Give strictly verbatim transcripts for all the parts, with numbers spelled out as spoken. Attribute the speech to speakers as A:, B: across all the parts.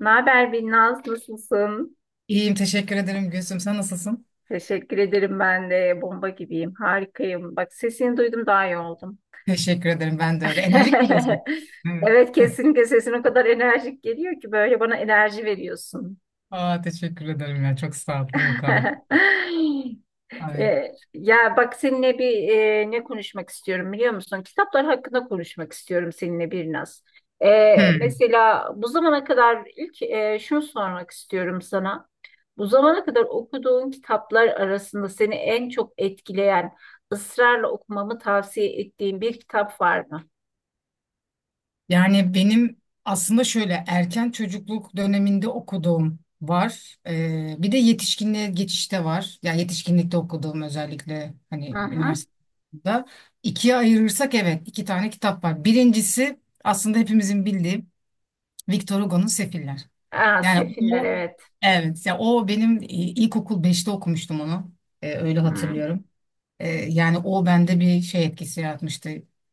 A: Ne haber Binnaz? Nasılsın?
B: İyiyim, teşekkür ederim Gülsüm. Sen nasılsın?
A: Teşekkür ederim, ben de bomba gibiyim. Harikayım. Bak, sesini duydum, daha iyi oldum.
B: Teşekkür ederim. Ben de öyle. Enerjik geliyorsun. Evet.
A: Evet, kesinlikle sesin o kadar enerjik geliyor ki böyle bana enerji veriyorsun.
B: Aa, teşekkür ederim ya. Çok sağ ol. Bir mukabele. Ay.
A: Ee, ya bak seninle bir e, ne konuşmak istiyorum biliyor musun? Kitaplar hakkında konuşmak istiyorum seninle bir naz. Ee,
B: Hmm.
A: mesela bu zamana kadar ilk e, şunu sormak istiyorum sana. Bu zamana kadar okuduğun kitaplar arasında seni en çok etkileyen, ısrarla okumamı tavsiye ettiğin bir kitap var mı?
B: Yani benim aslında şöyle erken çocukluk döneminde okuduğum var. Ee, bir de yetişkinliğe geçişte var. Ya yetişkinlikte okuduğum özellikle hani
A: Hı hı.
B: üniversitede. İkiye ayırırsak evet iki tane kitap var. Birincisi aslında hepimizin bildiği Victor Hugo'nun Sefiller.
A: Aa,
B: Yani
A: Sefiller,
B: o,
A: evet.
B: evet, ya o benim e, ilkokul beşte okumuştum onu. E, öyle
A: Hı hı.
B: hatırlıyorum. E, yani o bende bir şey etkisi yaratmıştı.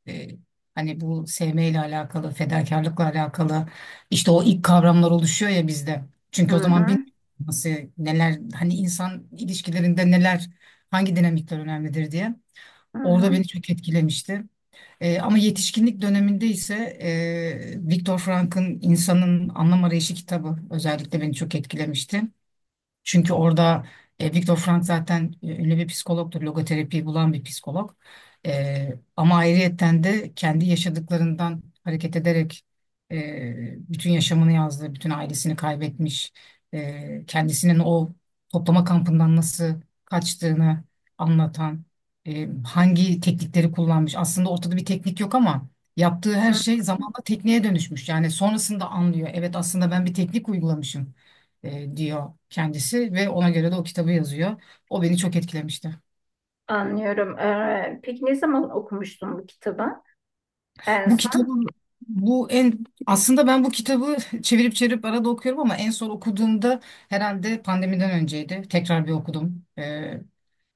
B: E, Hani bu sevmeyle alakalı, fedakarlıkla alakalı işte o ilk kavramlar oluşuyor ya bizde. Çünkü o zaman bir nasıl, neler hani insan ilişkilerinde neler, hangi dinamikler önemlidir diye.
A: Hı hı.
B: Orada beni çok etkilemişti. E, ama yetişkinlik döneminde ise e, Viktor Frank'ın İnsanın Anlam Arayışı kitabı özellikle beni çok etkilemişti. Çünkü orada e, Viktor Frank zaten e, ünlü bir psikologtur. Logoterapiyi bulan bir psikolog. E, ama ayrıyetten de kendi yaşadıklarından hareket ederek e, bütün yaşamını yazdı. Bütün ailesini kaybetmiş. E, kendisinin o toplama kampından nasıl kaçtığını anlatan, e, hangi teknikleri kullanmış. Aslında ortada bir teknik yok ama yaptığı her
A: Hı.
B: şey zamanla tekniğe dönüşmüş. Yani sonrasında anlıyor. Evet aslında ben bir teknik uygulamışım e, diyor kendisi ve ona göre de o kitabı yazıyor. O beni çok etkilemişti.
A: Anlıyorum. Ee, peki ne zaman okumuştun bu kitabı? En
B: Bu kitabı,
A: son?
B: bu en aslında ben bu kitabı çevirip çevirip arada okuyorum ama en son okuduğumda herhalde pandemiden önceydi. Tekrar bir okudum. E,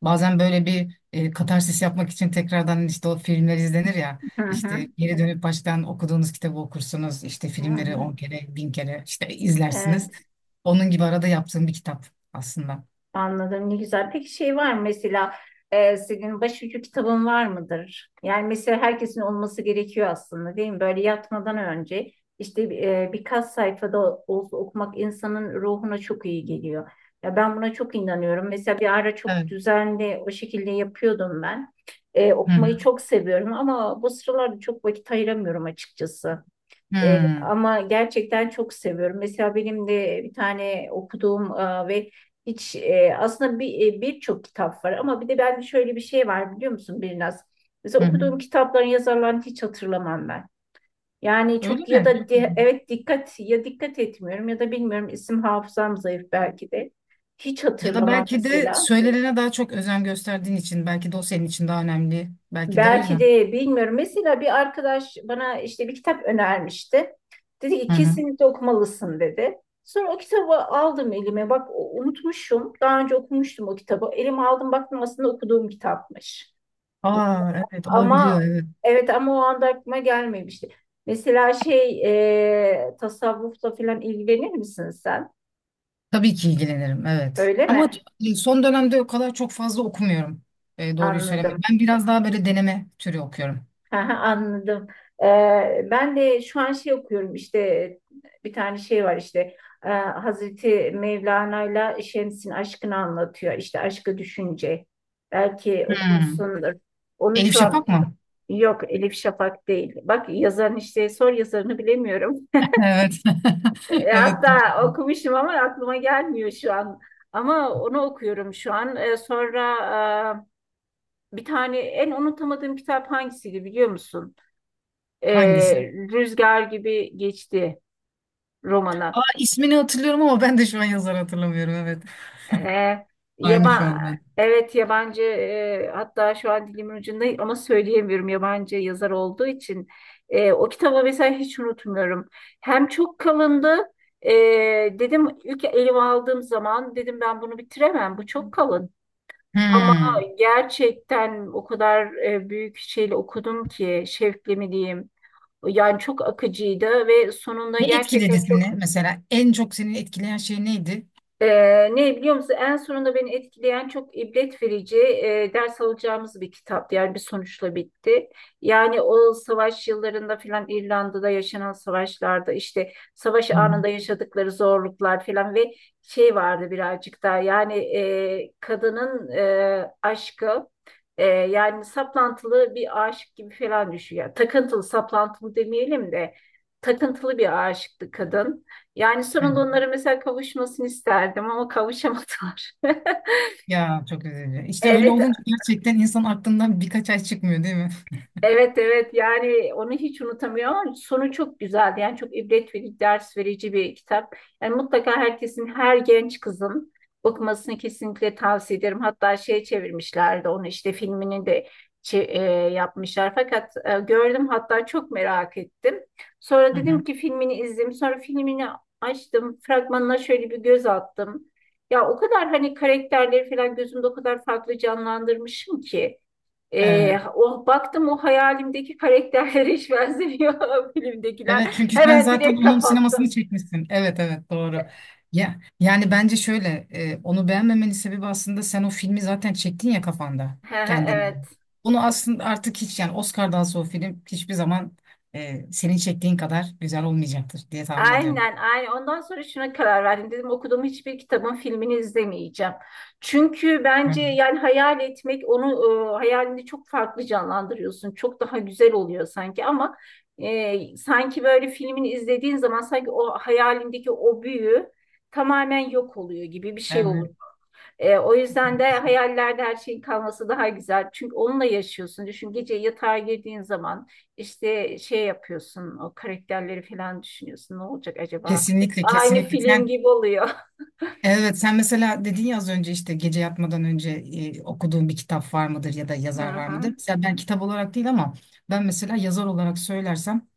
B: Bazen böyle bir e, katarsis yapmak için tekrardan işte o filmler izlenir ya.
A: Hı
B: İşte
A: hı.
B: geri dönüp baştan okuduğunuz kitabı okursunuz. İşte
A: Hı
B: filmleri
A: hı.
B: on kere, bin kere işte izlersiniz.
A: Evet,
B: Onun gibi arada yaptığım bir kitap aslında.
A: anladım. Ne güzel. Peki şey var mı mesela, e, senin başucu kitabın var mıdır? Yani mesela herkesin olması gerekiyor aslında değil mi? Böyle yatmadan önce işte e, birkaç sayfada olsa okumak insanın ruhuna çok iyi geliyor. Ya ben buna çok inanıyorum. Mesela bir ara çok
B: Evet.
A: düzenli o şekilde yapıyordum ben. E,
B: Hı
A: okumayı
B: hı.
A: çok seviyorum ama bu sıralarda çok vakit ayıramıyorum açıkçası. E,
B: Hmm.
A: ama gerçekten çok seviyorum. Mesela benim de bir tane okuduğum e, ve hiç e, aslında bir e, birçok kitap var, ama bir de bende şöyle bir şey var biliyor musun Birnaz? Mesela
B: Hı hı.
A: okuduğum kitapların yazarlarını hiç hatırlamam ben. Yani
B: Öyle
A: çok, ya
B: mi? Çok
A: da di-
B: güzel.
A: evet, dikkat, ya dikkat etmiyorum ya da bilmiyorum, isim hafızam zayıf belki de. Hiç
B: Ya da
A: hatırlamam
B: belki de
A: mesela.
B: söylenene daha çok özen gösterdiğin için belki de o senin için daha önemli. Belki de o
A: Belki
B: yüzden.
A: de bilmiyorum. Mesela bir arkadaş bana işte bir kitap önermişti. Dedi ki
B: Hı hı.
A: kesinlikle okumalısın dedi. Sonra o kitabı aldım elime. Bak o- unutmuşum. Daha önce okumuştum o kitabı. Elime aldım, baktım, aslında okuduğum kitapmış.
B: Aa, evet
A: Ama
B: olabiliyor, evet.
A: evet ama o anda aklıma gelmemişti. Mesela şey, e, tasavvufla falan ilgilenir misin sen?
B: Tabii ki ilgilenirim, evet.
A: Öyle
B: Ama
A: mi?
B: son dönemde o kadar çok fazla okumuyorum. E, doğruyu söylemek.
A: Anladım.
B: Ben biraz daha böyle deneme türü okuyorum.
A: Aha, anladım. Ee, ben de şu an şey okuyorum, işte e, bir tane şey var işte e, Hazreti Mevlana'yla Şems'in aşkını anlatıyor. İşte Aşkı Düşünce. Belki
B: Hmm.
A: okumuşsundur. Onu
B: Elif
A: şu an,
B: Şafak mı?
A: yok, Elif Şafak değil. Bak, yazarın işte, sor, yazarını bilemiyorum.
B: Evet.
A: E,
B: Evet.
A: hatta okumuşum ama aklıma gelmiyor şu an. Ama onu okuyorum şu an. E, sonra e, bir tane en unutamadığım kitap hangisiydi biliyor musun? e,
B: Hangisi?
A: Rüzgar Gibi Geçti Romana.
B: Aa, ismini hatırlıyorum ama ben de şu an yazarı hatırlamıyorum, evet.
A: E,
B: Aynı şu
A: yaba,
B: an ben.
A: evet, yabancı, e, hatta şu an dilimin ucunda ama söyleyemiyorum, yabancı yazar olduğu için. E, o kitabı mesela hiç unutmuyorum. Hem çok kalındı. e, Dedim ilk elime aldığım zaman, dedim ben bunu bitiremem, bu çok kalın. Ama
B: Hmm.
A: gerçekten o kadar e, büyük şeyle okudum ki, şevkle mi diyeyim. Yani çok akıcıydı ve sonunda
B: Ne etkiledi
A: gerçekten
B: seni
A: çok...
B: mesela? En çok seni etkileyen şey neydi?
A: Ee, ne biliyor musun? En sonunda beni etkileyen çok ibret verici, e, ders alacağımız bir kitap. Yani bir sonuçla bitti. Yani o savaş yıllarında filan, İrlanda'da yaşanan savaşlarda işte savaş
B: Hı hı.
A: anında yaşadıkları zorluklar filan ve şey vardı, birazcık daha yani e, kadının e, aşkı, e, yani saplantılı bir aşık gibi falan düşüyor. Yani takıntılı, saplantılı demeyelim de takıntılı bir aşıktı kadın. Yani
B: Hı hı.
A: sonunda onlara mesela kavuşmasını isterdim ama kavuşamadılar.
B: Ya çok üzücü. İşte öyle
A: Evet.
B: olunca gerçekten insan aklından birkaç ay çıkmıyor değil mi?
A: Evet evet yani onu hiç unutamıyorum ama sonu çok güzeldi. Yani çok ibret verici, ders verici bir kitap. Yani mutlaka herkesin, her genç kızın okumasını kesinlikle tavsiye ederim. Hatta şey, çevirmişlerdi onu işte, filmini de çe- e, yapmışlar. Fakat e, gördüm, hatta çok merak ettim. Sonra
B: Hı
A: dedim
B: hı.
A: ki filmini izleyeyim. Sonra filmini açtım. Fragmanına şöyle bir göz attım. Ya o kadar hani karakterleri falan gözümde o kadar farklı canlandırmışım ki. Ee,
B: Evet.
A: o baktım, o hayalimdeki karakterlere hiç benzemiyor filmdekiler.
B: Evet, çünkü sen
A: Hemen
B: zaten
A: direkt
B: onun sinemasını
A: kapattım.
B: çekmişsin. Evet, evet, doğru. Ya yani bence şöyle e, onu beğenmemenin sebebi aslında sen o filmi zaten çektin ya kafanda kendine göre.
A: Evet.
B: Bunu aslında artık hiç yani Oscar'dan sonra o film hiçbir zaman e, senin çektiğin kadar güzel olmayacaktır diye tahmin ediyorum.
A: Aynen, aynen. Ondan sonra şuna karar verdim. Dedim okuduğum hiçbir kitabın filmini izlemeyeceğim. Çünkü
B: Hı.
A: bence yani hayal etmek onu, e, hayalini çok farklı canlandırıyorsun. Çok daha güzel oluyor sanki ama e, sanki böyle filmini izlediğin zaman sanki o hayalindeki o büyü tamamen yok oluyor gibi bir şey oluyor. E, o yüzden de
B: Evet.
A: hayallerde her şeyin kalması daha güzel. Çünkü onunla yaşıyorsun. Düşün, gece yatağa girdiğin zaman işte şey yapıyorsun, o karakterleri falan düşünüyorsun. Ne olacak acaba?
B: Kesinlikle,
A: Aynı
B: kesinlikle
A: film
B: sen,
A: gibi oluyor.
B: evet, sen mesela dedin ya az önce işte gece yatmadan önce e, okuduğun bir kitap var mıdır ya da
A: Hı
B: yazar var
A: hı.
B: mıdır? Mesela ben kitap olarak değil ama ben mesela yazar olarak söylersem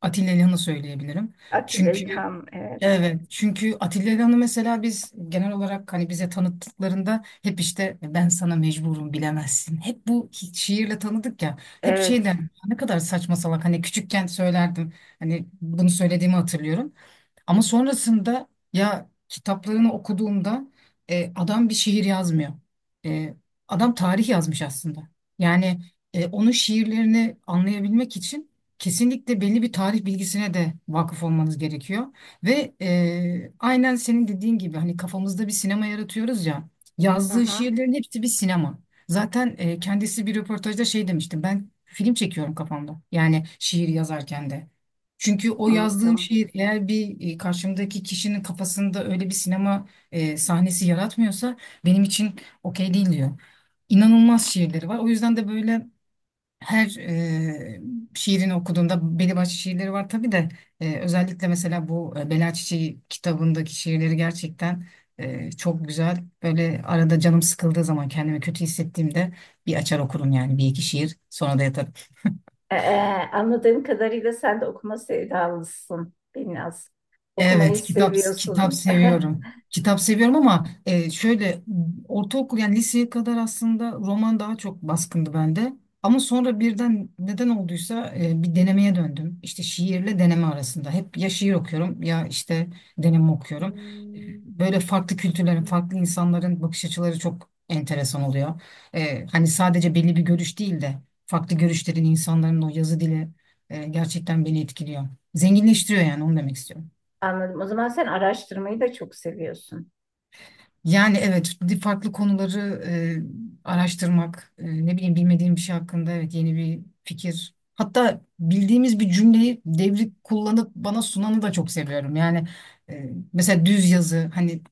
B: Atilla İlhan'ı söyleyebilirim.
A: Atilla
B: Çünkü,
A: İlham. Evet.
B: evet, çünkü Atilla İlhan'ı mesela biz genel olarak hani bize tanıttıklarında hep işte ben sana mecburum bilemezsin. Hep bu hi- şiirle tanıdık ya. Hep şey
A: Evet.
B: derdim, "Ya ne kadar saçma salak," hani küçükken söylerdim. Hani bunu söylediğimi hatırlıyorum. Ama sonrasında ya kitaplarını okuduğumda e, adam bir şiir yazmıyor. E, Adam tarih yazmış aslında. Yani e, onun şiirlerini anlayabilmek için kesinlikle belli bir tarih bilgisine de vakıf olmanız gerekiyor. Ve e, aynen senin dediğin gibi hani kafamızda bir sinema yaratıyoruz ya.
A: Hı
B: Yazdığı
A: hı.
B: şiirlerin hepsi bir sinema. Zaten e, kendisi bir röportajda şey demişti. Ben film çekiyorum kafamda. Yani şiir yazarken de. Çünkü o yazdığım
A: Anladım.
B: şiir eğer bir e, karşımdaki kişinin kafasında öyle bir sinema e, sahnesi yaratmıyorsa benim için okey değil diyor. İnanılmaz şiirleri var. O yüzden de böyle her e, şiirini okuduğunda belli başlı şiirleri var tabii de e, özellikle mesela bu e, Bela Çiçeği kitabındaki şiirleri gerçekten e, çok güzel. Böyle arada canım sıkıldığı zaman kendimi kötü hissettiğimde bir açar okurum yani bir iki şiir, sonra da yatarım.
A: E, e, anladığım kadarıyla sen de okuma sevdalısın. Biraz. Okumayı
B: Evet, kitap kitap
A: seviyorsun.
B: seviyorum. Kitap seviyorum ama e, şöyle ortaokul yani liseye kadar aslında roman daha çok baskındı bende. Ama sonra birden neden olduysa e, bir denemeye döndüm. İşte şiirle deneme arasında. Hep ya şiir okuyorum ya işte deneme okuyorum.
A: Hmm.
B: Böyle farklı kültürlerin, farklı insanların bakış açıları çok enteresan oluyor. E, hani sadece belli bir görüş değil de farklı görüşlerin insanların o yazı dili e, gerçekten beni etkiliyor. Zenginleştiriyor yani, onu demek istiyorum.
A: Anladım. O zaman sen araştırmayı da çok seviyorsun.
B: Yani evet, farklı konuları e, araştırmak, e, ne bileyim bilmediğim bir şey hakkında, evet, yeni bir fikir. Hatta bildiğimiz bir cümleyi devrip kullanıp bana sunanı da çok seviyorum. Yani e, mesela düz yazı hani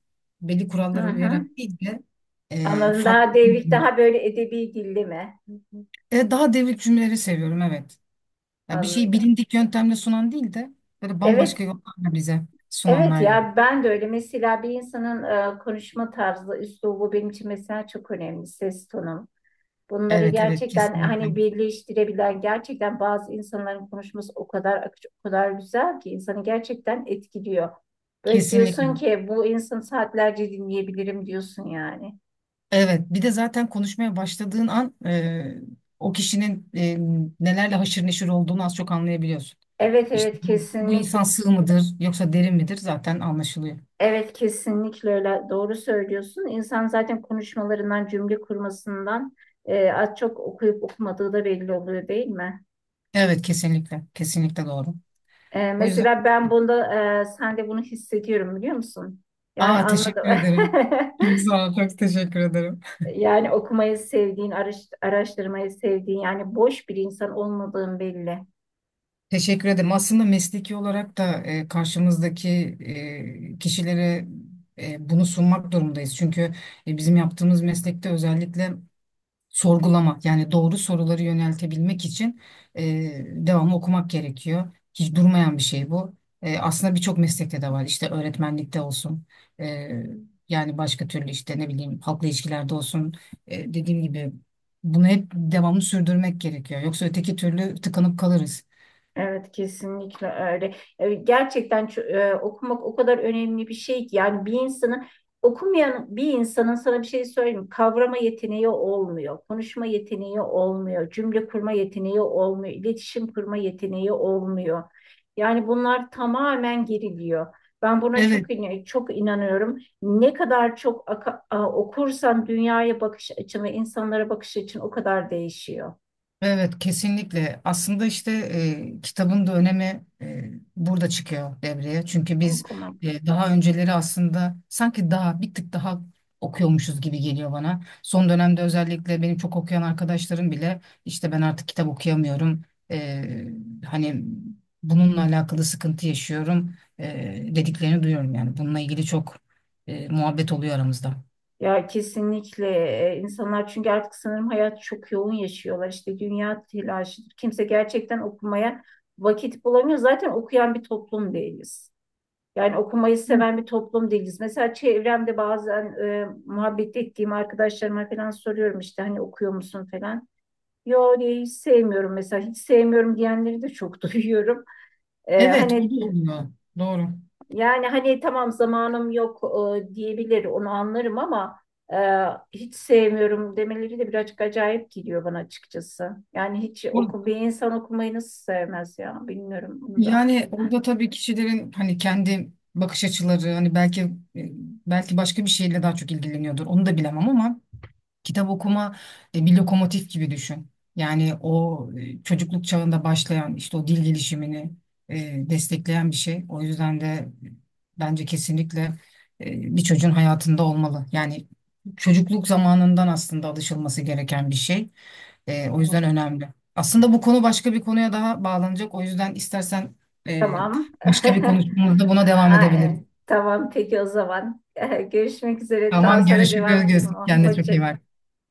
B: belli
A: Hı
B: kurallara
A: hı.
B: uyarak değil de e,
A: Anladım. Daha
B: farklı
A: devrik,
B: cümleler.
A: daha böyle edebi dilli mi? Hı hı.
B: E, daha devrik cümleleri seviyorum, evet. Ya bir şeyi
A: Anladım.
B: bilindik yöntemle sunan değil de böyle
A: Evet,
B: bambaşka yollarla bize
A: evet
B: sunanlar gibi.
A: ya ben de öyle. Mesela bir insanın e, konuşma tarzı, üslubu benim için mesela çok önemli. Ses tonu. Bunları
B: Evet, evet,
A: gerçekten
B: kesinlikle.
A: hani birleştirebilen, gerçekten bazı insanların konuşması o kadar akıcı, o kadar güzel ki insanı gerçekten etkiliyor. Böyle diyorsun
B: Kesinlikle.
A: ki bu insanı saatlerce dinleyebilirim diyorsun yani.
B: Evet, bir de zaten konuşmaya başladığın an e, o kişinin e, nelerle haşır neşir olduğunu az çok anlayabiliyorsun.
A: Evet
B: İşte
A: evet
B: bu, bu
A: kesinlikle.
B: insan sığ mıdır yoksa derin midir zaten anlaşılıyor.
A: Evet, kesinlikle öyle, doğru söylüyorsun. İnsan zaten konuşmalarından, cümle kurmasından e, az çok okuyup okumadığı da belli oluyor değil mi?
B: Evet, kesinlikle, kesinlikle doğru.
A: E,
B: O yüzden,
A: mesela ben bunda, e, sen de bunu hissediyorum biliyor musun? Yani
B: aa,
A: anladım.
B: teşekkür ederim. Çok sağ ol, çok teşekkür ederim.
A: Yani okumayı sevdiğin, araş- araştırmayı sevdiğin, yani boş bir insan olmadığın belli.
B: Teşekkür ederim. Aslında mesleki olarak da e, karşımızdaki e, kişilere e, bunu sunmak durumdayız. Çünkü e, bizim yaptığımız meslekte özellikle sorgulamak yani doğru soruları yöneltebilmek için e, devamlı okumak gerekiyor. Hiç durmayan bir şey bu. E, aslında birçok meslekte de var işte öğretmenlikte olsun, e, yani başka türlü işte ne bileyim halkla ilişkilerde olsun. E, dediğim gibi bunu hep devamlı sürdürmek gerekiyor. Yoksa öteki türlü tıkanıp kalırız.
A: Evet, kesinlikle öyle. E, Gerçekten ço- e, okumak o kadar önemli bir şey ki, yani bir insanın, okumayan bir insanın, sana bir şey söyleyeyim mi? Kavrama yeteneği olmuyor, konuşma yeteneği olmuyor, cümle kurma yeteneği olmuyor, iletişim kurma yeteneği olmuyor. Yani bunlar tamamen geriliyor. Ben buna
B: Evet.
A: çok in- çok inanıyorum. Ne kadar çok aka- a- okursan dünyaya bakış açın ve insanlara bakış açın o kadar değişiyor.
B: Evet, kesinlikle. Aslında işte e, kitabın da önemi e, burada çıkıyor devreye, çünkü biz
A: Okumak.
B: e, daha önceleri aslında sanki daha bir tık daha okuyormuşuz gibi geliyor bana. Son dönemde özellikle benim çok okuyan arkadaşlarım bile işte ben artık kitap okuyamıyorum, E, hani bununla alakalı sıkıntı yaşıyorum, e, dediklerini duyuyorum. Yani bununla ilgili çok e, muhabbet oluyor aramızda.
A: Ya kesinlikle, e, insanlar çünkü artık sanırım hayat çok yoğun yaşıyorlar. İşte dünya telaşıdır. Kimse gerçekten okumaya vakit bulamıyor. Zaten okuyan bir toplum değiliz. Yani okumayı seven bir toplum değiliz. Mesela çevremde bazen e, muhabbet ettiğim arkadaşlarıma falan soruyorum, işte hani okuyor musun falan. Yo diye, hiç sevmiyorum mesela, hiç sevmiyorum diyenleri de çok duyuyorum. E,
B: Evet, o
A: hani,
B: da oluyor, doğru.
A: yani hani tamam, zamanım yok e, diyebilir, onu anlarım ama e, hiç sevmiyorum demeleri de birazcık acayip geliyor bana açıkçası. Yani hiç oku, bir insan okumayı nasıl sevmez ya, bilmiyorum bunu da.
B: Yani orada tabii kişilerin hani kendi bakış açıları, hani belki e, belki başka bir şeyle daha çok ilgileniyordur. Onu da bilemem, ama kitap okuma e, bir lokomotif gibi düşün. Yani o e, çocukluk çağında başlayan işte o dil gelişimini e, destekleyen bir şey. O yüzden de e, bence kesinlikle e, bir çocuğun hayatında olmalı. Yani çocukluk zamanından aslında alışılması gereken bir şey. E, o
A: Evet.
B: yüzden önemli. Aslında bu konu başka bir konuya daha bağlanacak. O yüzden istersen e,
A: Tamam.
B: başka bir konuşmamızda buna devam
A: Aa,
B: edebiliriz.
A: e, tamam peki o zaman. Görüşmek üzere. Daha
B: Tamam,
A: sonra devam edelim.
B: görüşürüz. Kendine çok iyi
A: Hoşça
B: bak.